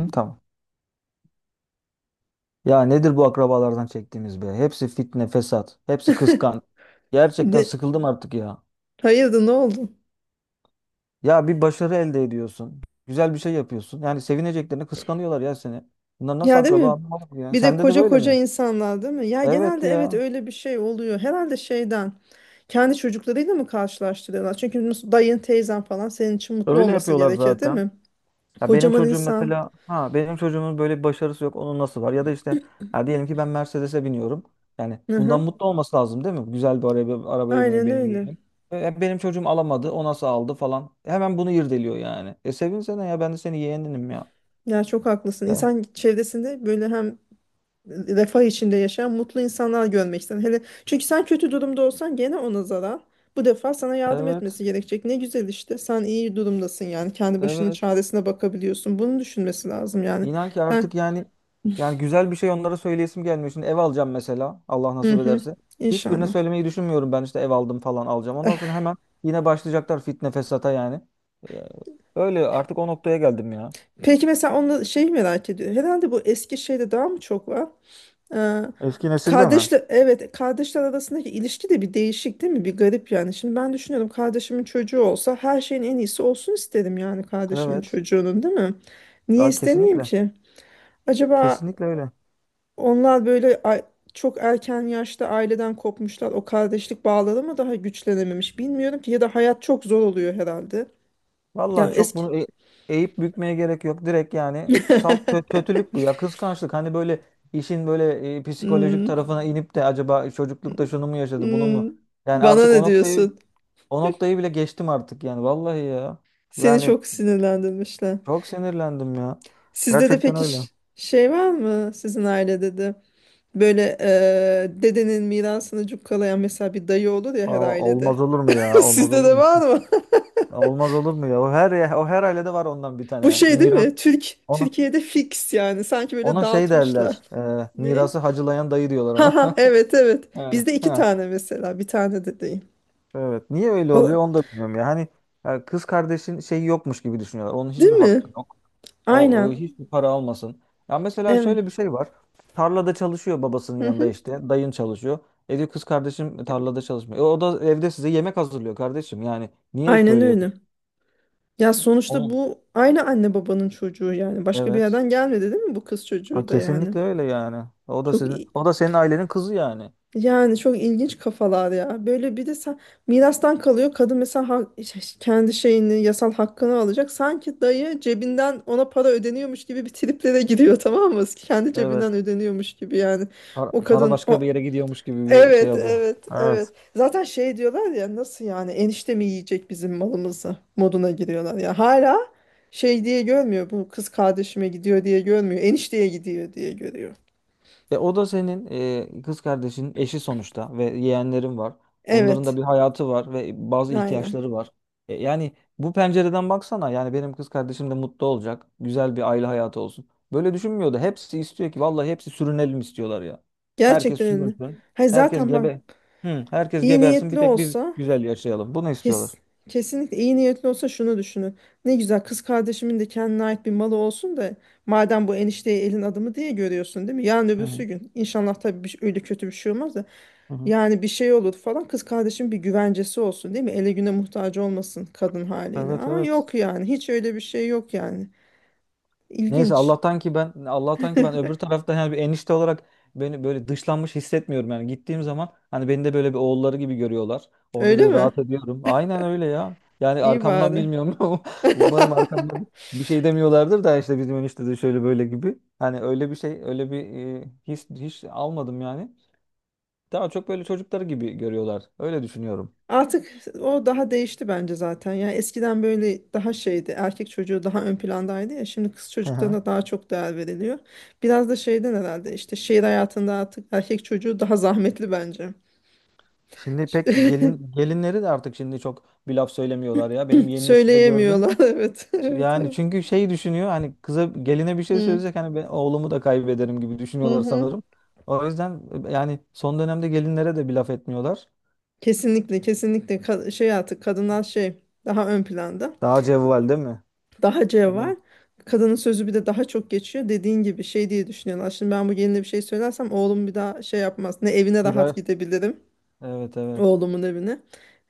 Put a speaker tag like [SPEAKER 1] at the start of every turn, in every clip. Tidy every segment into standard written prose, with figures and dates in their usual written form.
[SPEAKER 1] Hı, tamam. Ya nedir bu akrabalardan çektiğimiz be? Hepsi fitne, fesat. Hepsi kıskan. Gerçekten
[SPEAKER 2] De,
[SPEAKER 1] sıkıldım artık ya.
[SPEAKER 2] hayırdır ne oldu?
[SPEAKER 1] Ya bir başarı elde ediyorsun. Güzel bir şey yapıyorsun. Yani sevineceklerini kıskanıyorlar ya seni. Bunlar nasıl
[SPEAKER 2] Ya değil
[SPEAKER 1] akraba
[SPEAKER 2] mi?
[SPEAKER 1] anlamadım ya.
[SPEAKER 2] Bir de
[SPEAKER 1] Sende de
[SPEAKER 2] koca
[SPEAKER 1] böyle
[SPEAKER 2] koca
[SPEAKER 1] mi?
[SPEAKER 2] insanlar değil mi? Ya
[SPEAKER 1] Evet
[SPEAKER 2] genelde evet
[SPEAKER 1] ya.
[SPEAKER 2] öyle bir şey oluyor. Herhalde şeyden kendi çocuklarıyla mı karşılaştırıyorlar? Çünkü dayın teyzen falan senin için mutlu
[SPEAKER 1] Öyle
[SPEAKER 2] olması
[SPEAKER 1] yapıyorlar
[SPEAKER 2] gerekir değil
[SPEAKER 1] zaten.
[SPEAKER 2] mi?
[SPEAKER 1] Ya benim
[SPEAKER 2] Kocaman
[SPEAKER 1] çocuğum
[SPEAKER 2] insan.
[SPEAKER 1] mesela, ha benim çocuğumun böyle bir başarısı yok. Onun nasıl var? Ya da işte, ya diyelim ki ben Mercedes'e biniyorum. Yani
[SPEAKER 2] Hı
[SPEAKER 1] bundan
[SPEAKER 2] hı.
[SPEAKER 1] mutlu olması lazım değil mi? Güzel bir araba, arabaya biniyor
[SPEAKER 2] Aynen
[SPEAKER 1] benim
[SPEAKER 2] öyle.
[SPEAKER 1] yeğenim. E, benim çocuğum alamadı. O nasıl aldı falan. Hemen bunu irdeliyor yani. E sevinsene ya, ben de senin yeğeninim ya.
[SPEAKER 2] Ya çok haklısın.
[SPEAKER 1] Ya
[SPEAKER 2] İnsan çevresinde böyle hem refah içinde yaşayan mutlu insanlar görmek isterim. Hele çünkü sen kötü durumda olsan gene ona zarar. Bu defa sana yardım
[SPEAKER 1] evet.
[SPEAKER 2] etmesi gerekecek. Ne güzel işte. Sen iyi durumdasın yani. Kendi başının
[SPEAKER 1] Evet.
[SPEAKER 2] çaresine bakabiliyorsun. Bunu düşünmesi lazım yani.
[SPEAKER 1] İnan ki
[SPEAKER 2] Ben,
[SPEAKER 1] artık yani güzel bir şey onlara söyleyesim gelmiyor. Şimdi ev alacağım mesela, Allah
[SPEAKER 2] hı
[SPEAKER 1] nasip
[SPEAKER 2] hı.
[SPEAKER 1] ederse. Hiçbirine
[SPEAKER 2] İnşallah.
[SPEAKER 1] söylemeyi düşünmüyorum ben, işte ev aldım falan, alacağım. Ondan sonra hemen yine başlayacaklar fitne fesata yani. Ee, Öyle artık o noktaya geldim ya.
[SPEAKER 2] Peki mesela onu şey merak ediyor. Herhalde bu eski şeyde daha mı çok var? Ee,
[SPEAKER 1] Eski nesilde mi?
[SPEAKER 2] Kardeşler, evet, kardeşler arasındaki ilişki de bir değişik değil mi? Bir garip yani. Şimdi ben düşünüyorum kardeşimin çocuğu olsa her şeyin en iyisi olsun isterim yani kardeşimin
[SPEAKER 1] Evet.
[SPEAKER 2] çocuğunun değil mi? Niye
[SPEAKER 1] Aa,
[SPEAKER 2] istemeyeyim
[SPEAKER 1] kesinlikle.
[SPEAKER 2] ki? Acaba
[SPEAKER 1] Kesinlikle öyle.
[SPEAKER 2] onlar böyle çok erken yaşta aileden kopmuşlar. O kardeşlik bağları mı daha güçlenememiş bilmiyorum ki ya da hayat çok zor oluyor herhalde.
[SPEAKER 1] Vallahi
[SPEAKER 2] Yani
[SPEAKER 1] çok
[SPEAKER 2] eski.
[SPEAKER 1] bunu eğip bükmeye gerek yok. Direkt yani salt kötülük bu ya. Kıskançlık. Hani böyle, işin böyle psikolojik
[SPEAKER 2] Hmm,
[SPEAKER 1] tarafına inip de acaba çocuklukta şunu mu yaşadı, bunu
[SPEAKER 2] hmm.
[SPEAKER 1] mu? Yani
[SPEAKER 2] Bana
[SPEAKER 1] artık o
[SPEAKER 2] ne
[SPEAKER 1] noktayı
[SPEAKER 2] diyorsun?
[SPEAKER 1] O noktayı bile geçtim artık yani, vallahi ya.
[SPEAKER 2] Seni
[SPEAKER 1] Yani
[SPEAKER 2] çok sinirlendirmişler.
[SPEAKER 1] çok sinirlendim ya.
[SPEAKER 2] Sizde de
[SPEAKER 1] Gerçekten
[SPEAKER 2] peki
[SPEAKER 1] öyle.
[SPEAKER 2] şey var mı sizin ailede de böyle dedenin mirasını cukkalayan mesela bir dayı olur ya her
[SPEAKER 1] Aa,
[SPEAKER 2] ailede.
[SPEAKER 1] olmaz olur mu ya? Olmaz
[SPEAKER 2] Sizde
[SPEAKER 1] olur
[SPEAKER 2] de
[SPEAKER 1] mu?
[SPEAKER 2] var mı?
[SPEAKER 1] Olmaz olur mu ya? O her ailede var ondan bir
[SPEAKER 2] Bu
[SPEAKER 1] tane.
[SPEAKER 2] şey değil
[SPEAKER 1] Miras,
[SPEAKER 2] mi? Türk
[SPEAKER 1] ona
[SPEAKER 2] Türkiye'de fix yani sanki böyle
[SPEAKER 1] ona şey
[SPEAKER 2] dağıtmışlar.
[SPEAKER 1] derler.
[SPEAKER 2] Ne?
[SPEAKER 1] Mirası hacılayan dayı diyorlar
[SPEAKER 2] Ha ha,
[SPEAKER 1] ona.
[SPEAKER 2] evet evet.
[SPEAKER 1] Yani
[SPEAKER 2] Bizde iki
[SPEAKER 1] ha,
[SPEAKER 2] tane mesela bir tane de değil.
[SPEAKER 1] evet. Niye öyle
[SPEAKER 2] O,
[SPEAKER 1] oluyor onu da bilmiyorum ya. Hani ya, kız kardeşin şeyi yokmuş gibi düşünüyorlar. Onun
[SPEAKER 2] değil
[SPEAKER 1] hiçbir
[SPEAKER 2] mi?
[SPEAKER 1] hakkı yok. O
[SPEAKER 2] Aynen.
[SPEAKER 1] hiçbir para almasın. Ya mesela
[SPEAKER 2] Evet.
[SPEAKER 1] şöyle bir şey var. Tarlada çalışıyor babasının
[SPEAKER 2] Hı
[SPEAKER 1] yanında
[SPEAKER 2] hı.
[SPEAKER 1] işte. Dayın çalışıyor. E, diyor, kız kardeşim tarlada çalışmıyor. E, o da evde size yemek hazırlıyor kardeşim. Yani niye biz
[SPEAKER 2] Aynen
[SPEAKER 1] böyle
[SPEAKER 2] öyle.
[SPEAKER 1] yapıyoruz?
[SPEAKER 2] Ya sonuçta
[SPEAKER 1] Oğlum,
[SPEAKER 2] bu aynı anne babanın çocuğu yani. Başka bir
[SPEAKER 1] evet.
[SPEAKER 2] yerden gelmedi değil mi bu kız
[SPEAKER 1] Ha,
[SPEAKER 2] çocuğu da yani?
[SPEAKER 1] kesinlikle öyle yani. O da
[SPEAKER 2] Çok
[SPEAKER 1] sizin,
[SPEAKER 2] i-
[SPEAKER 1] o da senin ailenin kızı yani.
[SPEAKER 2] Yani çok ilginç kafalar ya. Böyle bir de sen mirastan kalıyor. Kadın mesela işte kendi şeyini, yasal hakkını alacak. Sanki dayı cebinden ona para ödeniyormuş gibi bir triplere giriyor tamam mı? Kendi
[SPEAKER 1] Evet.
[SPEAKER 2] cebinden ödeniyormuş gibi yani.
[SPEAKER 1] Para,
[SPEAKER 2] O
[SPEAKER 1] para
[SPEAKER 2] kadın
[SPEAKER 1] başka bir
[SPEAKER 2] o.
[SPEAKER 1] yere gidiyormuş gibi bir şey
[SPEAKER 2] Evet,
[SPEAKER 1] oluyor.
[SPEAKER 2] evet, evet.
[SPEAKER 1] Evet.
[SPEAKER 2] Zaten şey diyorlar ya nasıl yani enişte mi yiyecek bizim malımızı moduna giriyorlar ya. Hala şey diye görmüyor bu kız kardeşime gidiyor diye görmüyor. Enişteye gidiyor diye görüyor.
[SPEAKER 1] E, o da senin, kız kardeşinin eşi sonuçta ve yeğenlerin var. Onların da
[SPEAKER 2] Evet,
[SPEAKER 1] bir hayatı var ve bazı
[SPEAKER 2] aynen.
[SPEAKER 1] ihtiyaçları var. E, yani bu pencereden baksana, yani benim kız kardeşim de mutlu olacak. Güzel bir aile hayatı olsun. Böyle düşünmüyordu. Hepsi istiyor ki, vallahi hepsi sürünelim istiyorlar ya. Herkes
[SPEAKER 2] Gerçekten öyle.
[SPEAKER 1] sürünsün.
[SPEAKER 2] Hayır
[SPEAKER 1] Herkes
[SPEAKER 2] zaten bak
[SPEAKER 1] gebe. Hı, herkes
[SPEAKER 2] iyi
[SPEAKER 1] gebersin. Bir
[SPEAKER 2] niyetli
[SPEAKER 1] tek biz
[SPEAKER 2] olsa
[SPEAKER 1] güzel yaşayalım. Bunu
[SPEAKER 2] kes,
[SPEAKER 1] istiyorlar.
[SPEAKER 2] kesinlikle iyi niyetli olsa şunu düşünür. Ne güzel kız kardeşimin de kendine ait bir malı olsun da madem bu enişteyi elin adamı diye görüyorsun değil mi? Yarın
[SPEAKER 1] Hı
[SPEAKER 2] öbürsü
[SPEAKER 1] hı.
[SPEAKER 2] gün inşallah tabii bir, öyle kötü bir şey olmaz da
[SPEAKER 1] Hı hı.
[SPEAKER 2] yani bir şey olur falan kız kardeşim bir güvencesi olsun değil mi? Ele güne muhtaç olmasın kadın haliyle
[SPEAKER 1] Evet,
[SPEAKER 2] ama
[SPEAKER 1] evet.
[SPEAKER 2] yok yani hiç öyle bir şey yok yani.
[SPEAKER 1] Neyse,
[SPEAKER 2] İlginç.
[SPEAKER 1] Allah'tan ki ben öbür tarafta, yani bir enişte olarak beni böyle dışlanmış hissetmiyorum yani, gittiğim zaman hani beni de böyle bir oğulları gibi görüyorlar. Orada
[SPEAKER 2] Öyle
[SPEAKER 1] böyle
[SPEAKER 2] mi?
[SPEAKER 1] rahat ediyorum. Aynen öyle ya. Yani
[SPEAKER 2] İyi
[SPEAKER 1] arkamdan
[SPEAKER 2] bari.
[SPEAKER 1] bilmiyorum. Umarım arkamdan bir şey demiyorlardır da, işte bizim enişte de şöyle böyle gibi. Hani öyle bir şey, öyle bir his hiç almadım yani. Daha çok böyle çocukları gibi görüyorlar. Öyle düşünüyorum.
[SPEAKER 2] Artık o daha değişti bence zaten. Yani eskiden böyle daha şeydi. Erkek çocuğu daha ön plandaydı ya. Şimdi kız
[SPEAKER 1] Hı hı.
[SPEAKER 2] çocuklarına daha çok değer veriliyor. Biraz da şeyden herhalde işte şehir hayatında artık erkek çocuğu daha zahmetli bence.
[SPEAKER 1] Şimdi pek gelinleri de artık şimdi çok bir laf söylemiyorlar ya. Benim yeni nesilde gördüm.
[SPEAKER 2] Söyleyemiyorlar. Evet, evet,
[SPEAKER 1] Yani
[SPEAKER 2] evet.
[SPEAKER 1] çünkü şey düşünüyor, hani kıza, geline bir şey
[SPEAKER 2] Hı,
[SPEAKER 1] söylesek, hani ben oğlumu da kaybederim gibi
[SPEAKER 2] hı
[SPEAKER 1] düşünüyorlar
[SPEAKER 2] hı.
[SPEAKER 1] sanırım. O yüzden yani son dönemde gelinlere de bir laf etmiyorlar.
[SPEAKER 2] Kesinlikle, kesinlikle şey artık kadınlar şey daha ön planda.
[SPEAKER 1] Daha cevval değil mi?
[SPEAKER 2] Daha
[SPEAKER 1] Evet.
[SPEAKER 2] cevval. Kadının sözü bir de daha çok geçiyor. Dediğin gibi şey diye düşünüyorlar. Şimdi ben bu geline bir şey söylersem oğlum bir daha şey yapmaz. Ne evine
[SPEAKER 1] Bir
[SPEAKER 2] rahat
[SPEAKER 1] daha
[SPEAKER 2] gidebilirim.
[SPEAKER 1] evet, evet.
[SPEAKER 2] Oğlumun evine.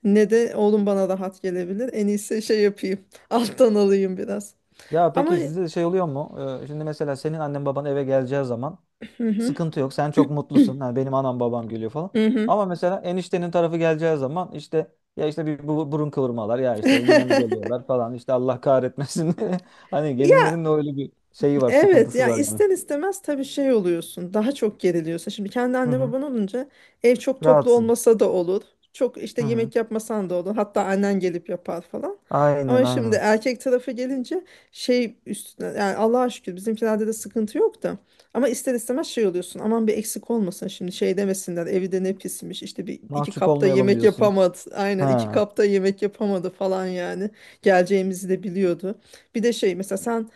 [SPEAKER 2] Ne de oğlum bana rahat gelebilir. En iyisi şey yapayım. Alttan alayım biraz.
[SPEAKER 1] Ya
[SPEAKER 2] Ama
[SPEAKER 1] peki sizde de şey oluyor mu? Şimdi mesela senin annen baban eve geleceği zaman
[SPEAKER 2] hı hı,
[SPEAKER 1] sıkıntı yok. Sen çok mutlusun. Ha, benim anam babam geliyor falan.
[SPEAKER 2] hı
[SPEAKER 1] Ama mesela eniştenin tarafı geleceği zaman, işte ya, işte bir burun kıvırmalar ya, işte yine mi
[SPEAKER 2] hı.
[SPEAKER 1] geliyorlar falan, işte Allah kahretmesin. Hani gelinlerin de öyle bir şeyi var,
[SPEAKER 2] Evet
[SPEAKER 1] sıkıntısı
[SPEAKER 2] ya
[SPEAKER 1] var yani.
[SPEAKER 2] ister istemez tabii şey oluyorsun daha çok geriliyorsun. Şimdi kendi
[SPEAKER 1] Hı
[SPEAKER 2] anne
[SPEAKER 1] hı.
[SPEAKER 2] baban olunca ev çok toplu
[SPEAKER 1] Rahatsın.
[SPEAKER 2] olmasa da olur. Çok işte
[SPEAKER 1] Hı hı.
[SPEAKER 2] yemek yapmasan da olur. Hatta annen gelip yapar falan.
[SPEAKER 1] Aynen,
[SPEAKER 2] Ama şimdi
[SPEAKER 1] aynen.
[SPEAKER 2] erkek tarafı gelince şey üstüne yani Allah'a şükür bizimkilerde de sıkıntı yok da. Ama ister istemez şey oluyorsun aman bir eksik olmasın şimdi şey demesinler evi de ne pismiş işte bir iki
[SPEAKER 1] Mahcup
[SPEAKER 2] kapta
[SPEAKER 1] olmayalım
[SPEAKER 2] yemek
[SPEAKER 1] diyorsun.
[SPEAKER 2] yapamadı. Aynen iki
[SPEAKER 1] Ha,
[SPEAKER 2] kapta yemek yapamadı falan yani geleceğimizi de biliyordu. Bir de şey mesela sen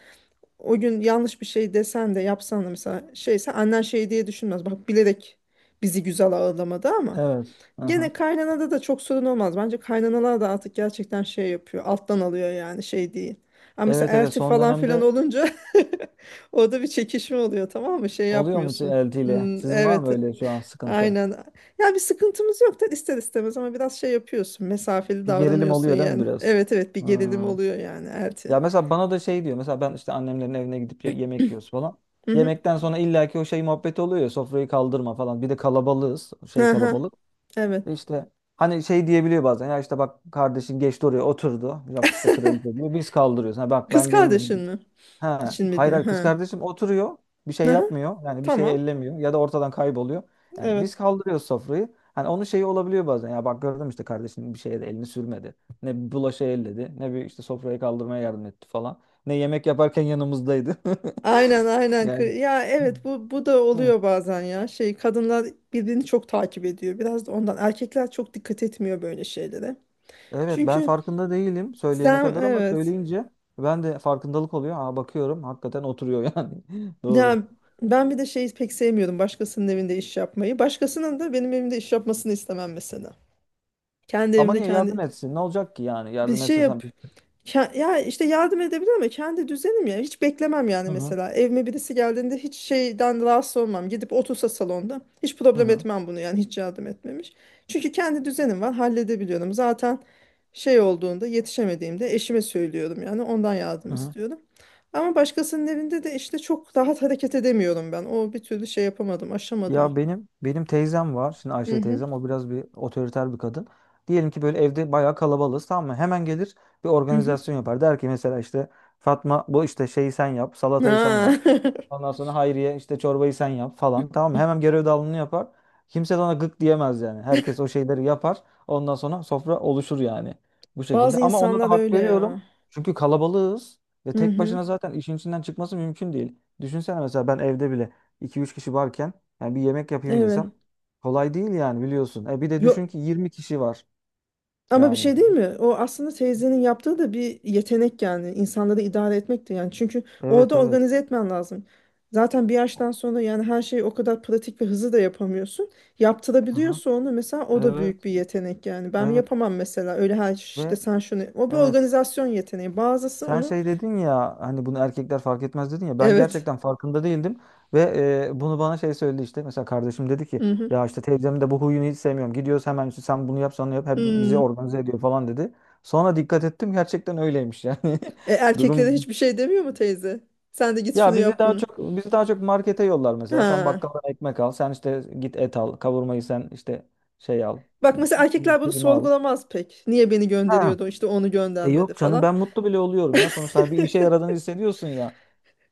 [SPEAKER 2] o gün yanlış bir şey desen de yapsan da mesela şeyse annen şey diye düşünmez. Bak bilerek bizi güzel ağırlamadı ama.
[SPEAKER 1] evet. Hı hı.
[SPEAKER 2] Gene kaynanada da çok sorun olmaz. Bence kaynanalar da artık gerçekten şey yapıyor. Alttan alıyor yani şey değil. Ama mesela
[SPEAKER 1] Evet, evet,
[SPEAKER 2] elti
[SPEAKER 1] son
[SPEAKER 2] falan filan
[SPEAKER 1] dönemde
[SPEAKER 2] olunca orada bir çekişme oluyor tamam mı? Şey
[SPEAKER 1] oluyor mu
[SPEAKER 2] yapmıyorsun.
[SPEAKER 1] eltiyle?
[SPEAKER 2] Hmm,
[SPEAKER 1] Sizin var
[SPEAKER 2] evet.
[SPEAKER 1] mı öyle şu an sıkıntı?
[SPEAKER 2] Aynen. Ya bir sıkıntımız yok da ister istemez ama biraz şey yapıyorsun. Mesafeli
[SPEAKER 1] Bir gerilim
[SPEAKER 2] davranıyorsun
[SPEAKER 1] oluyor değil mi
[SPEAKER 2] yani.
[SPEAKER 1] biraz?
[SPEAKER 2] Evet evet, bir gerilim
[SPEAKER 1] Ha.
[SPEAKER 2] oluyor yani elti.
[SPEAKER 1] Ya mesela bana da şey diyor. Mesela ben işte annemlerin evine gidip yemek yiyoruz falan.
[SPEAKER 2] Hı hı.
[SPEAKER 1] Yemekten sonra illaki o şey muhabbeti oluyor ya, sofrayı kaldırma falan. Bir de kalabalığız. Şey
[SPEAKER 2] Hı hı.
[SPEAKER 1] kalabalık. E
[SPEAKER 2] Evet.
[SPEAKER 1] İşte hani şey diyebiliyor bazen. Ya işte bak, kardeşin geçti oraya oturdu. Yok işte kraliçe, diyor. Biz kaldırıyoruz. Ha bak,
[SPEAKER 2] Kız
[SPEAKER 1] ben
[SPEAKER 2] kardeşin
[SPEAKER 1] gelindim.
[SPEAKER 2] mi?
[SPEAKER 1] Ha,
[SPEAKER 2] İçin mi
[SPEAKER 1] hayır,
[SPEAKER 2] diyor.
[SPEAKER 1] hayır, kız
[SPEAKER 2] Ha.
[SPEAKER 1] kardeşim oturuyor. Bir şey
[SPEAKER 2] Aha,
[SPEAKER 1] yapmıyor. Yani bir şey
[SPEAKER 2] tamam.
[SPEAKER 1] ellemiyor ya da ortadan kayboluyor. Yani biz
[SPEAKER 2] Evet.
[SPEAKER 1] kaldırıyoruz sofrayı. Hani onun şeyi olabiliyor bazen. Ya bak gördüm işte, kardeşinin bir şeye de elini sürmedi. Ne bir bulaşı elledi. Ne bir işte sofrayı kaldırmaya yardım etti falan. Ne yemek yaparken yanımızdaydı.
[SPEAKER 2] Aynen aynen.
[SPEAKER 1] Yani.
[SPEAKER 2] Ya evet, bu da
[SPEAKER 1] Hı.
[SPEAKER 2] oluyor bazen ya. Şey kadınlar birbirini çok takip ediyor. Biraz da ondan. Erkekler çok dikkat etmiyor böyle şeylere.
[SPEAKER 1] Evet, ben
[SPEAKER 2] Çünkü
[SPEAKER 1] farkında değilim söyleyene
[SPEAKER 2] sen
[SPEAKER 1] kadar, ama
[SPEAKER 2] evet.
[SPEAKER 1] söyleyince ben de farkındalık oluyor. Aa, bakıyorum hakikaten oturuyor yani. Doğru.
[SPEAKER 2] Ya ben bir de şeyi pek sevmiyorum başkasının evinde iş yapmayı. Başkasının da benim evimde iş yapmasını istemem mesela. Kendi
[SPEAKER 1] Ama
[SPEAKER 2] evimde
[SPEAKER 1] niye yardım
[SPEAKER 2] kendi
[SPEAKER 1] etsin? Ne olacak ki yani?
[SPEAKER 2] bir
[SPEAKER 1] Yardım
[SPEAKER 2] şey
[SPEAKER 1] etse
[SPEAKER 2] yap.
[SPEAKER 1] sen bir...
[SPEAKER 2] Ya işte yardım edebilir ama kendi düzenim ya. Hiç beklemem yani
[SPEAKER 1] Hı hı.
[SPEAKER 2] mesela. Evime birisi geldiğinde hiç şeyden rahatsız olmam. Gidip otursa salonda. Hiç
[SPEAKER 1] Hı
[SPEAKER 2] problem
[SPEAKER 1] hı.
[SPEAKER 2] etmem bunu yani hiç yardım etmemiş. Çünkü kendi düzenim var halledebiliyorum. Zaten şey olduğunda yetişemediğimde eşime söylüyorum yani ondan yardım
[SPEAKER 1] Hı hı.
[SPEAKER 2] istiyorum. Ama başkasının evinde de işte çok rahat hareket edemiyorum ben. O bir türlü şey yapamadım, aşamadım.
[SPEAKER 1] Ya benim teyzem var. Şimdi
[SPEAKER 2] Hı
[SPEAKER 1] Ayşe
[SPEAKER 2] hı.
[SPEAKER 1] teyzem, o biraz bir otoriter bir kadın. Diyelim ki böyle evde bayağı kalabalığız, tamam mı? Hemen gelir, bir
[SPEAKER 2] Hı hı.
[SPEAKER 1] organizasyon yapar. Der ki mesela, işte Fatma, bu işte şeyi sen yap, salatayı sen yap.
[SPEAKER 2] Ha.
[SPEAKER 1] Ondan sonra Hayriye, işte çorbayı sen yap falan. Tamam mı? Hemen görev dağılımını yapar. Kimse de ona gık diyemez yani. Herkes o şeyleri yapar. Ondan sonra sofra oluşur yani. Bu şekilde.
[SPEAKER 2] Bazı
[SPEAKER 1] Ama ona
[SPEAKER 2] insanlar
[SPEAKER 1] da hak
[SPEAKER 2] öyle
[SPEAKER 1] veriyorum.
[SPEAKER 2] ya.
[SPEAKER 1] Çünkü kalabalığız. Ve
[SPEAKER 2] Hı
[SPEAKER 1] tek
[SPEAKER 2] hı.
[SPEAKER 1] başına zaten işin içinden çıkması mümkün değil. Düşünsene, mesela ben evde bile iki üç kişi varken, yani bir yemek yapayım
[SPEAKER 2] Evet.
[SPEAKER 1] desem kolay değil yani, biliyorsun. E bir de düşün
[SPEAKER 2] Yo,
[SPEAKER 1] ki 20 kişi var
[SPEAKER 2] ama bir
[SPEAKER 1] yani.
[SPEAKER 2] şey değil mi? O aslında teyzenin yaptığı da bir yetenek yani. İnsanları idare etmekti yani. Çünkü
[SPEAKER 1] Evet,
[SPEAKER 2] orada
[SPEAKER 1] evet.
[SPEAKER 2] organize etmen lazım. Zaten bir yaştan sonra yani her şeyi o kadar pratik ve hızlı da yapamıyorsun.
[SPEAKER 1] Aha.
[SPEAKER 2] Yaptırabiliyorsa onu mesela o da büyük
[SPEAKER 1] Evet,
[SPEAKER 2] bir yetenek yani. Ben
[SPEAKER 1] evet
[SPEAKER 2] yapamam mesela öyle her işte
[SPEAKER 1] ve
[SPEAKER 2] sen şunu. O bir
[SPEAKER 1] evet.
[SPEAKER 2] organizasyon yeteneği. Bazısı
[SPEAKER 1] Sen
[SPEAKER 2] onu
[SPEAKER 1] şey dedin ya, hani bunu erkekler fark etmez dedin ya, ben
[SPEAKER 2] evet.
[SPEAKER 1] gerçekten farkında değildim ve bunu bana şey söyledi işte, mesela kardeşim dedi ki
[SPEAKER 2] Hı hı.
[SPEAKER 1] ya işte, teyzemin de bu huyunu hiç sevmiyorum, gidiyoruz hemen işte sen bunu yap, sen onu yap, hep bizi
[SPEAKER 2] Hmm.
[SPEAKER 1] organize ediyor falan, dedi. Sonra dikkat ettim, gerçekten öyleymiş yani,
[SPEAKER 2] E, erkeklere
[SPEAKER 1] durum.
[SPEAKER 2] hiçbir şey demiyor mu teyze? Sen de git şunu
[SPEAKER 1] Ya bizi
[SPEAKER 2] yap
[SPEAKER 1] daha
[SPEAKER 2] bunu.
[SPEAKER 1] çok bizi daha çok markete yollar, mesela sen
[SPEAKER 2] Ha.
[SPEAKER 1] bakkaldan ekmek al, sen işte git et al, kavurmayı sen, işte şey al,
[SPEAKER 2] Bak mesela erkekler bunu
[SPEAKER 1] kıyma al.
[SPEAKER 2] sorgulamaz pek. Niye beni
[SPEAKER 1] Ha.
[SPEAKER 2] gönderiyordu işte onu
[SPEAKER 1] E
[SPEAKER 2] göndermedi
[SPEAKER 1] yok canım,
[SPEAKER 2] falan.
[SPEAKER 1] ben mutlu bile oluyorum ya, sonuçta bir işe yaradığını hissediyorsun ya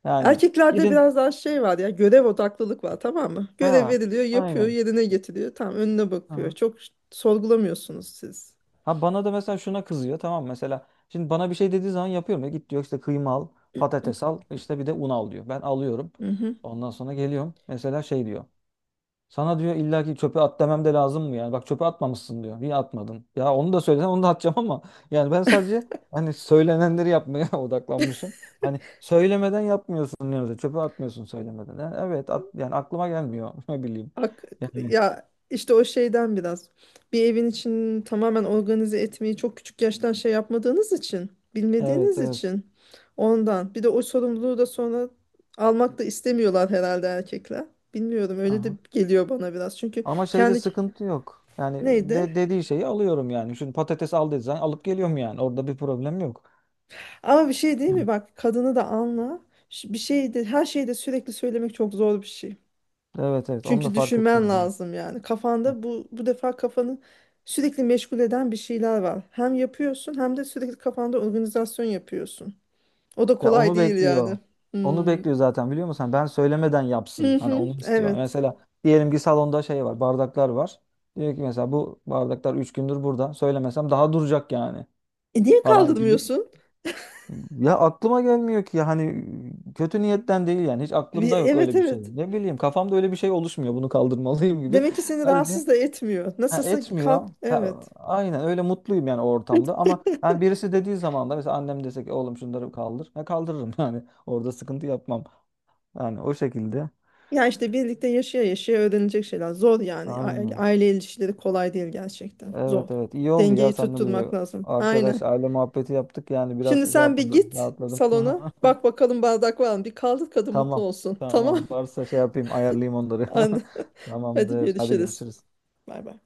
[SPEAKER 1] yani.
[SPEAKER 2] Erkeklerde
[SPEAKER 1] Gidin.
[SPEAKER 2] biraz daha şey var ya görev odaklılık var tamam mı? Görev
[SPEAKER 1] Ha,
[SPEAKER 2] veriliyor yapıyor
[SPEAKER 1] aynen.
[SPEAKER 2] yerine getiriyor tamam önüne bakıyor.
[SPEAKER 1] Aha.
[SPEAKER 2] Çok sorgulamıyorsunuz siz.
[SPEAKER 1] Ha, bana da mesela şuna kızıyor, tamam mı? Mesela, şimdi bana bir şey dediği zaman yapıyorum ya, git diyor, işte kıyma al, patates al, işte bir de un al, diyor. Ben alıyorum.
[SPEAKER 2] Mhm.
[SPEAKER 1] Ondan sonra geliyorum. Mesela şey diyor. Sana diyor, illa ki çöpe at demem de lazım mı yani? Bak çöpe atmamışsın, diyor. Niye atmadın? Ya onu da söylesen onu da atacağım ama yani ben sadece hani söylenenleri yapmaya odaklanmışım. Hani söylemeden yapmıyorsun diyor mesela. Çöpe atmıyorsun söylemeden. Yani evet, at, yani aklıma gelmiyor. Ne bileyim.
[SPEAKER 2] Ak-
[SPEAKER 1] Yani,
[SPEAKER 2] Ya işte o şeyden biraz. Bir evin içini tamamen organize etmeyi çok küçük yaştan şey yapmadığınız için,
[SPEAKER 1] evet,
[SPEAKER 2] bilmediğiniz
[SPEAKER 1] evet.
[SPEAKER 2] için ondan. Bir de o sorumluluğu da sonra almak da istemiyorlar herhalde erkekler. Bilmiyorum öyle de
[SPEAKER 1] Aha.
[SPEAKER 2] geliyor bana biraz. Çünkü
[SPEAKER 1] Ama şeyde
[SPEAKER 2] kendi
[SPEAKER 1] sıkıntı yok. Yani
[SPEAKER 2] neydi?
[SPEAKER 1] dediği şeyi alıyorum yani. Şimdi patates al dediği zaman alıp geliyorum yani. Orada bir problem yok.
[SPEAKER 2] Ama bir şey değil
[SPEAKER 1] Hı.
[SPEAKER 2] mi? Bak kadını da anla. Bir şeyde her şeyi de sürekli söylemek çok zor bir şey.
[SPEAKER 1] Evet, evet, onu da
[SPEAKER 2] Çünkü
[SPEAKER 1] fark
[SPEAKER 2] düşünmen
[SPEAKER 1] ettim ben.
[SPEAKER 2] lazım yani.
[SPEAKER 1] Hı.
[SPEAKER 2] Kafanda bu defa kafanı sürekli meşgul eden bir şeyler var. Hem yapıyorsun hem de sürekli kafanda organizasyon yapıyorsun. O da
[SPEAKER 1] Ya
[SPEAKER 2] kolay
[SPEAKER 1] onu
[SPEAKER 2] değil yani.
[SPEAKER 1] bekliyor. Onu
[SPEAKER 2] Hmm.
[SPEAKER 1] bekliyor zaten, biliyor musun? Hani ben söylemeden
[SPEAKER 2] Hı
[SPEAKER 1] yapsın. Hani
[SPEAKER 2] hı,
[SPEAKER 1] onu istiyor.
[SPEAKER 2] evet.
[SPEAKER 1] Mesela diyelim ki salonda şey var, bardaklar var. Diyor ki mesela bu bardaklar 3 gündür burada. Söylemesem daha duracak yani,
[SPEAKER 2] E niye
[SPEAKER 1] falan gibi.
[SPEAKER 2] kaldırmıyorsun?
[SPEAKER 1] Ya aklıma gelmiyor ki ya, hani kötü niyetten değil yani, hiç aklımda yok
[SPEAKER 2] Evet
[SPEAKER 1] öyle bir şey.
[SPEAKER 2] evet.
[SPEAKER 1] Ne bileyim, kafamda öyle bir şey oluşmuyor bunu kaldırmalıyım gibi.
[SPEAKER 2] Demek ki seni
[SPEAKER 1] Sadece
[SPEAKER 2] rahatsız da etmiyor.
[SPEAKER 1] ha,
[SPEAKER 2] Nasılsa kalk.
[SPEAKER 1] etmiyor. Ha,
[SPEAKER 2] Evet.
[SPEAKER 1] aynen, öyle mutluyum yani o ortamda, ama yani birisi dediği zaman da, mesela annem dese ki oğlum şunları kaldır. Ya, kaldırırım yani orada sıkıntı yapmam. Yani o şekilde.
[SPEAKER 2] Ya işte birlikte yaşaya yaşaya öğrenilecek şeyler. Zor yani. Aile,
[SPEAKER 1] Aynen.
[SPEAKER 2] aile ilişkileri kolay değil gerçekten. Zor.
[SPEAKER 1] Evet, evet, iyi oldu ya
[SPEAKER 2] Dengeyi
[SPEAKER 1] seninle bir
[SPEAKER 2] tutturmak lazım. Aynen.
[SPEAKER 1] arkadaş aile muhabbeti yaptık yani, biraz
[SPEAKER 2] Şimdi
[SPEAKER 1] şey
[SPEAKER 2] sen bir
[SPEAKER 1] yaptım,
[SPEAKER 2] git
[SPEAKER 1] rahatladım.
[SPEAKER 2] salona. Bak bakalım bardak var mı? Bir kaldır kadın mutlu
[SPEAKER 1] Tamam.
[SPEAKER 2] olsun.
[SPEAKER 1] Tamam.
[SPEAKER 2] Tamam.
[SPEAKER 1] Varsa şey yapayım, ayarlayayım onları.
[SPEAKER 2] Anne. Hadi
[SPEAKER 1] Tamamdır. Hadi
[SPEAKER 2] görüşürüz.
[SPEAKER 1] görüşürüz.
[SPEAKER 2] Bay bay.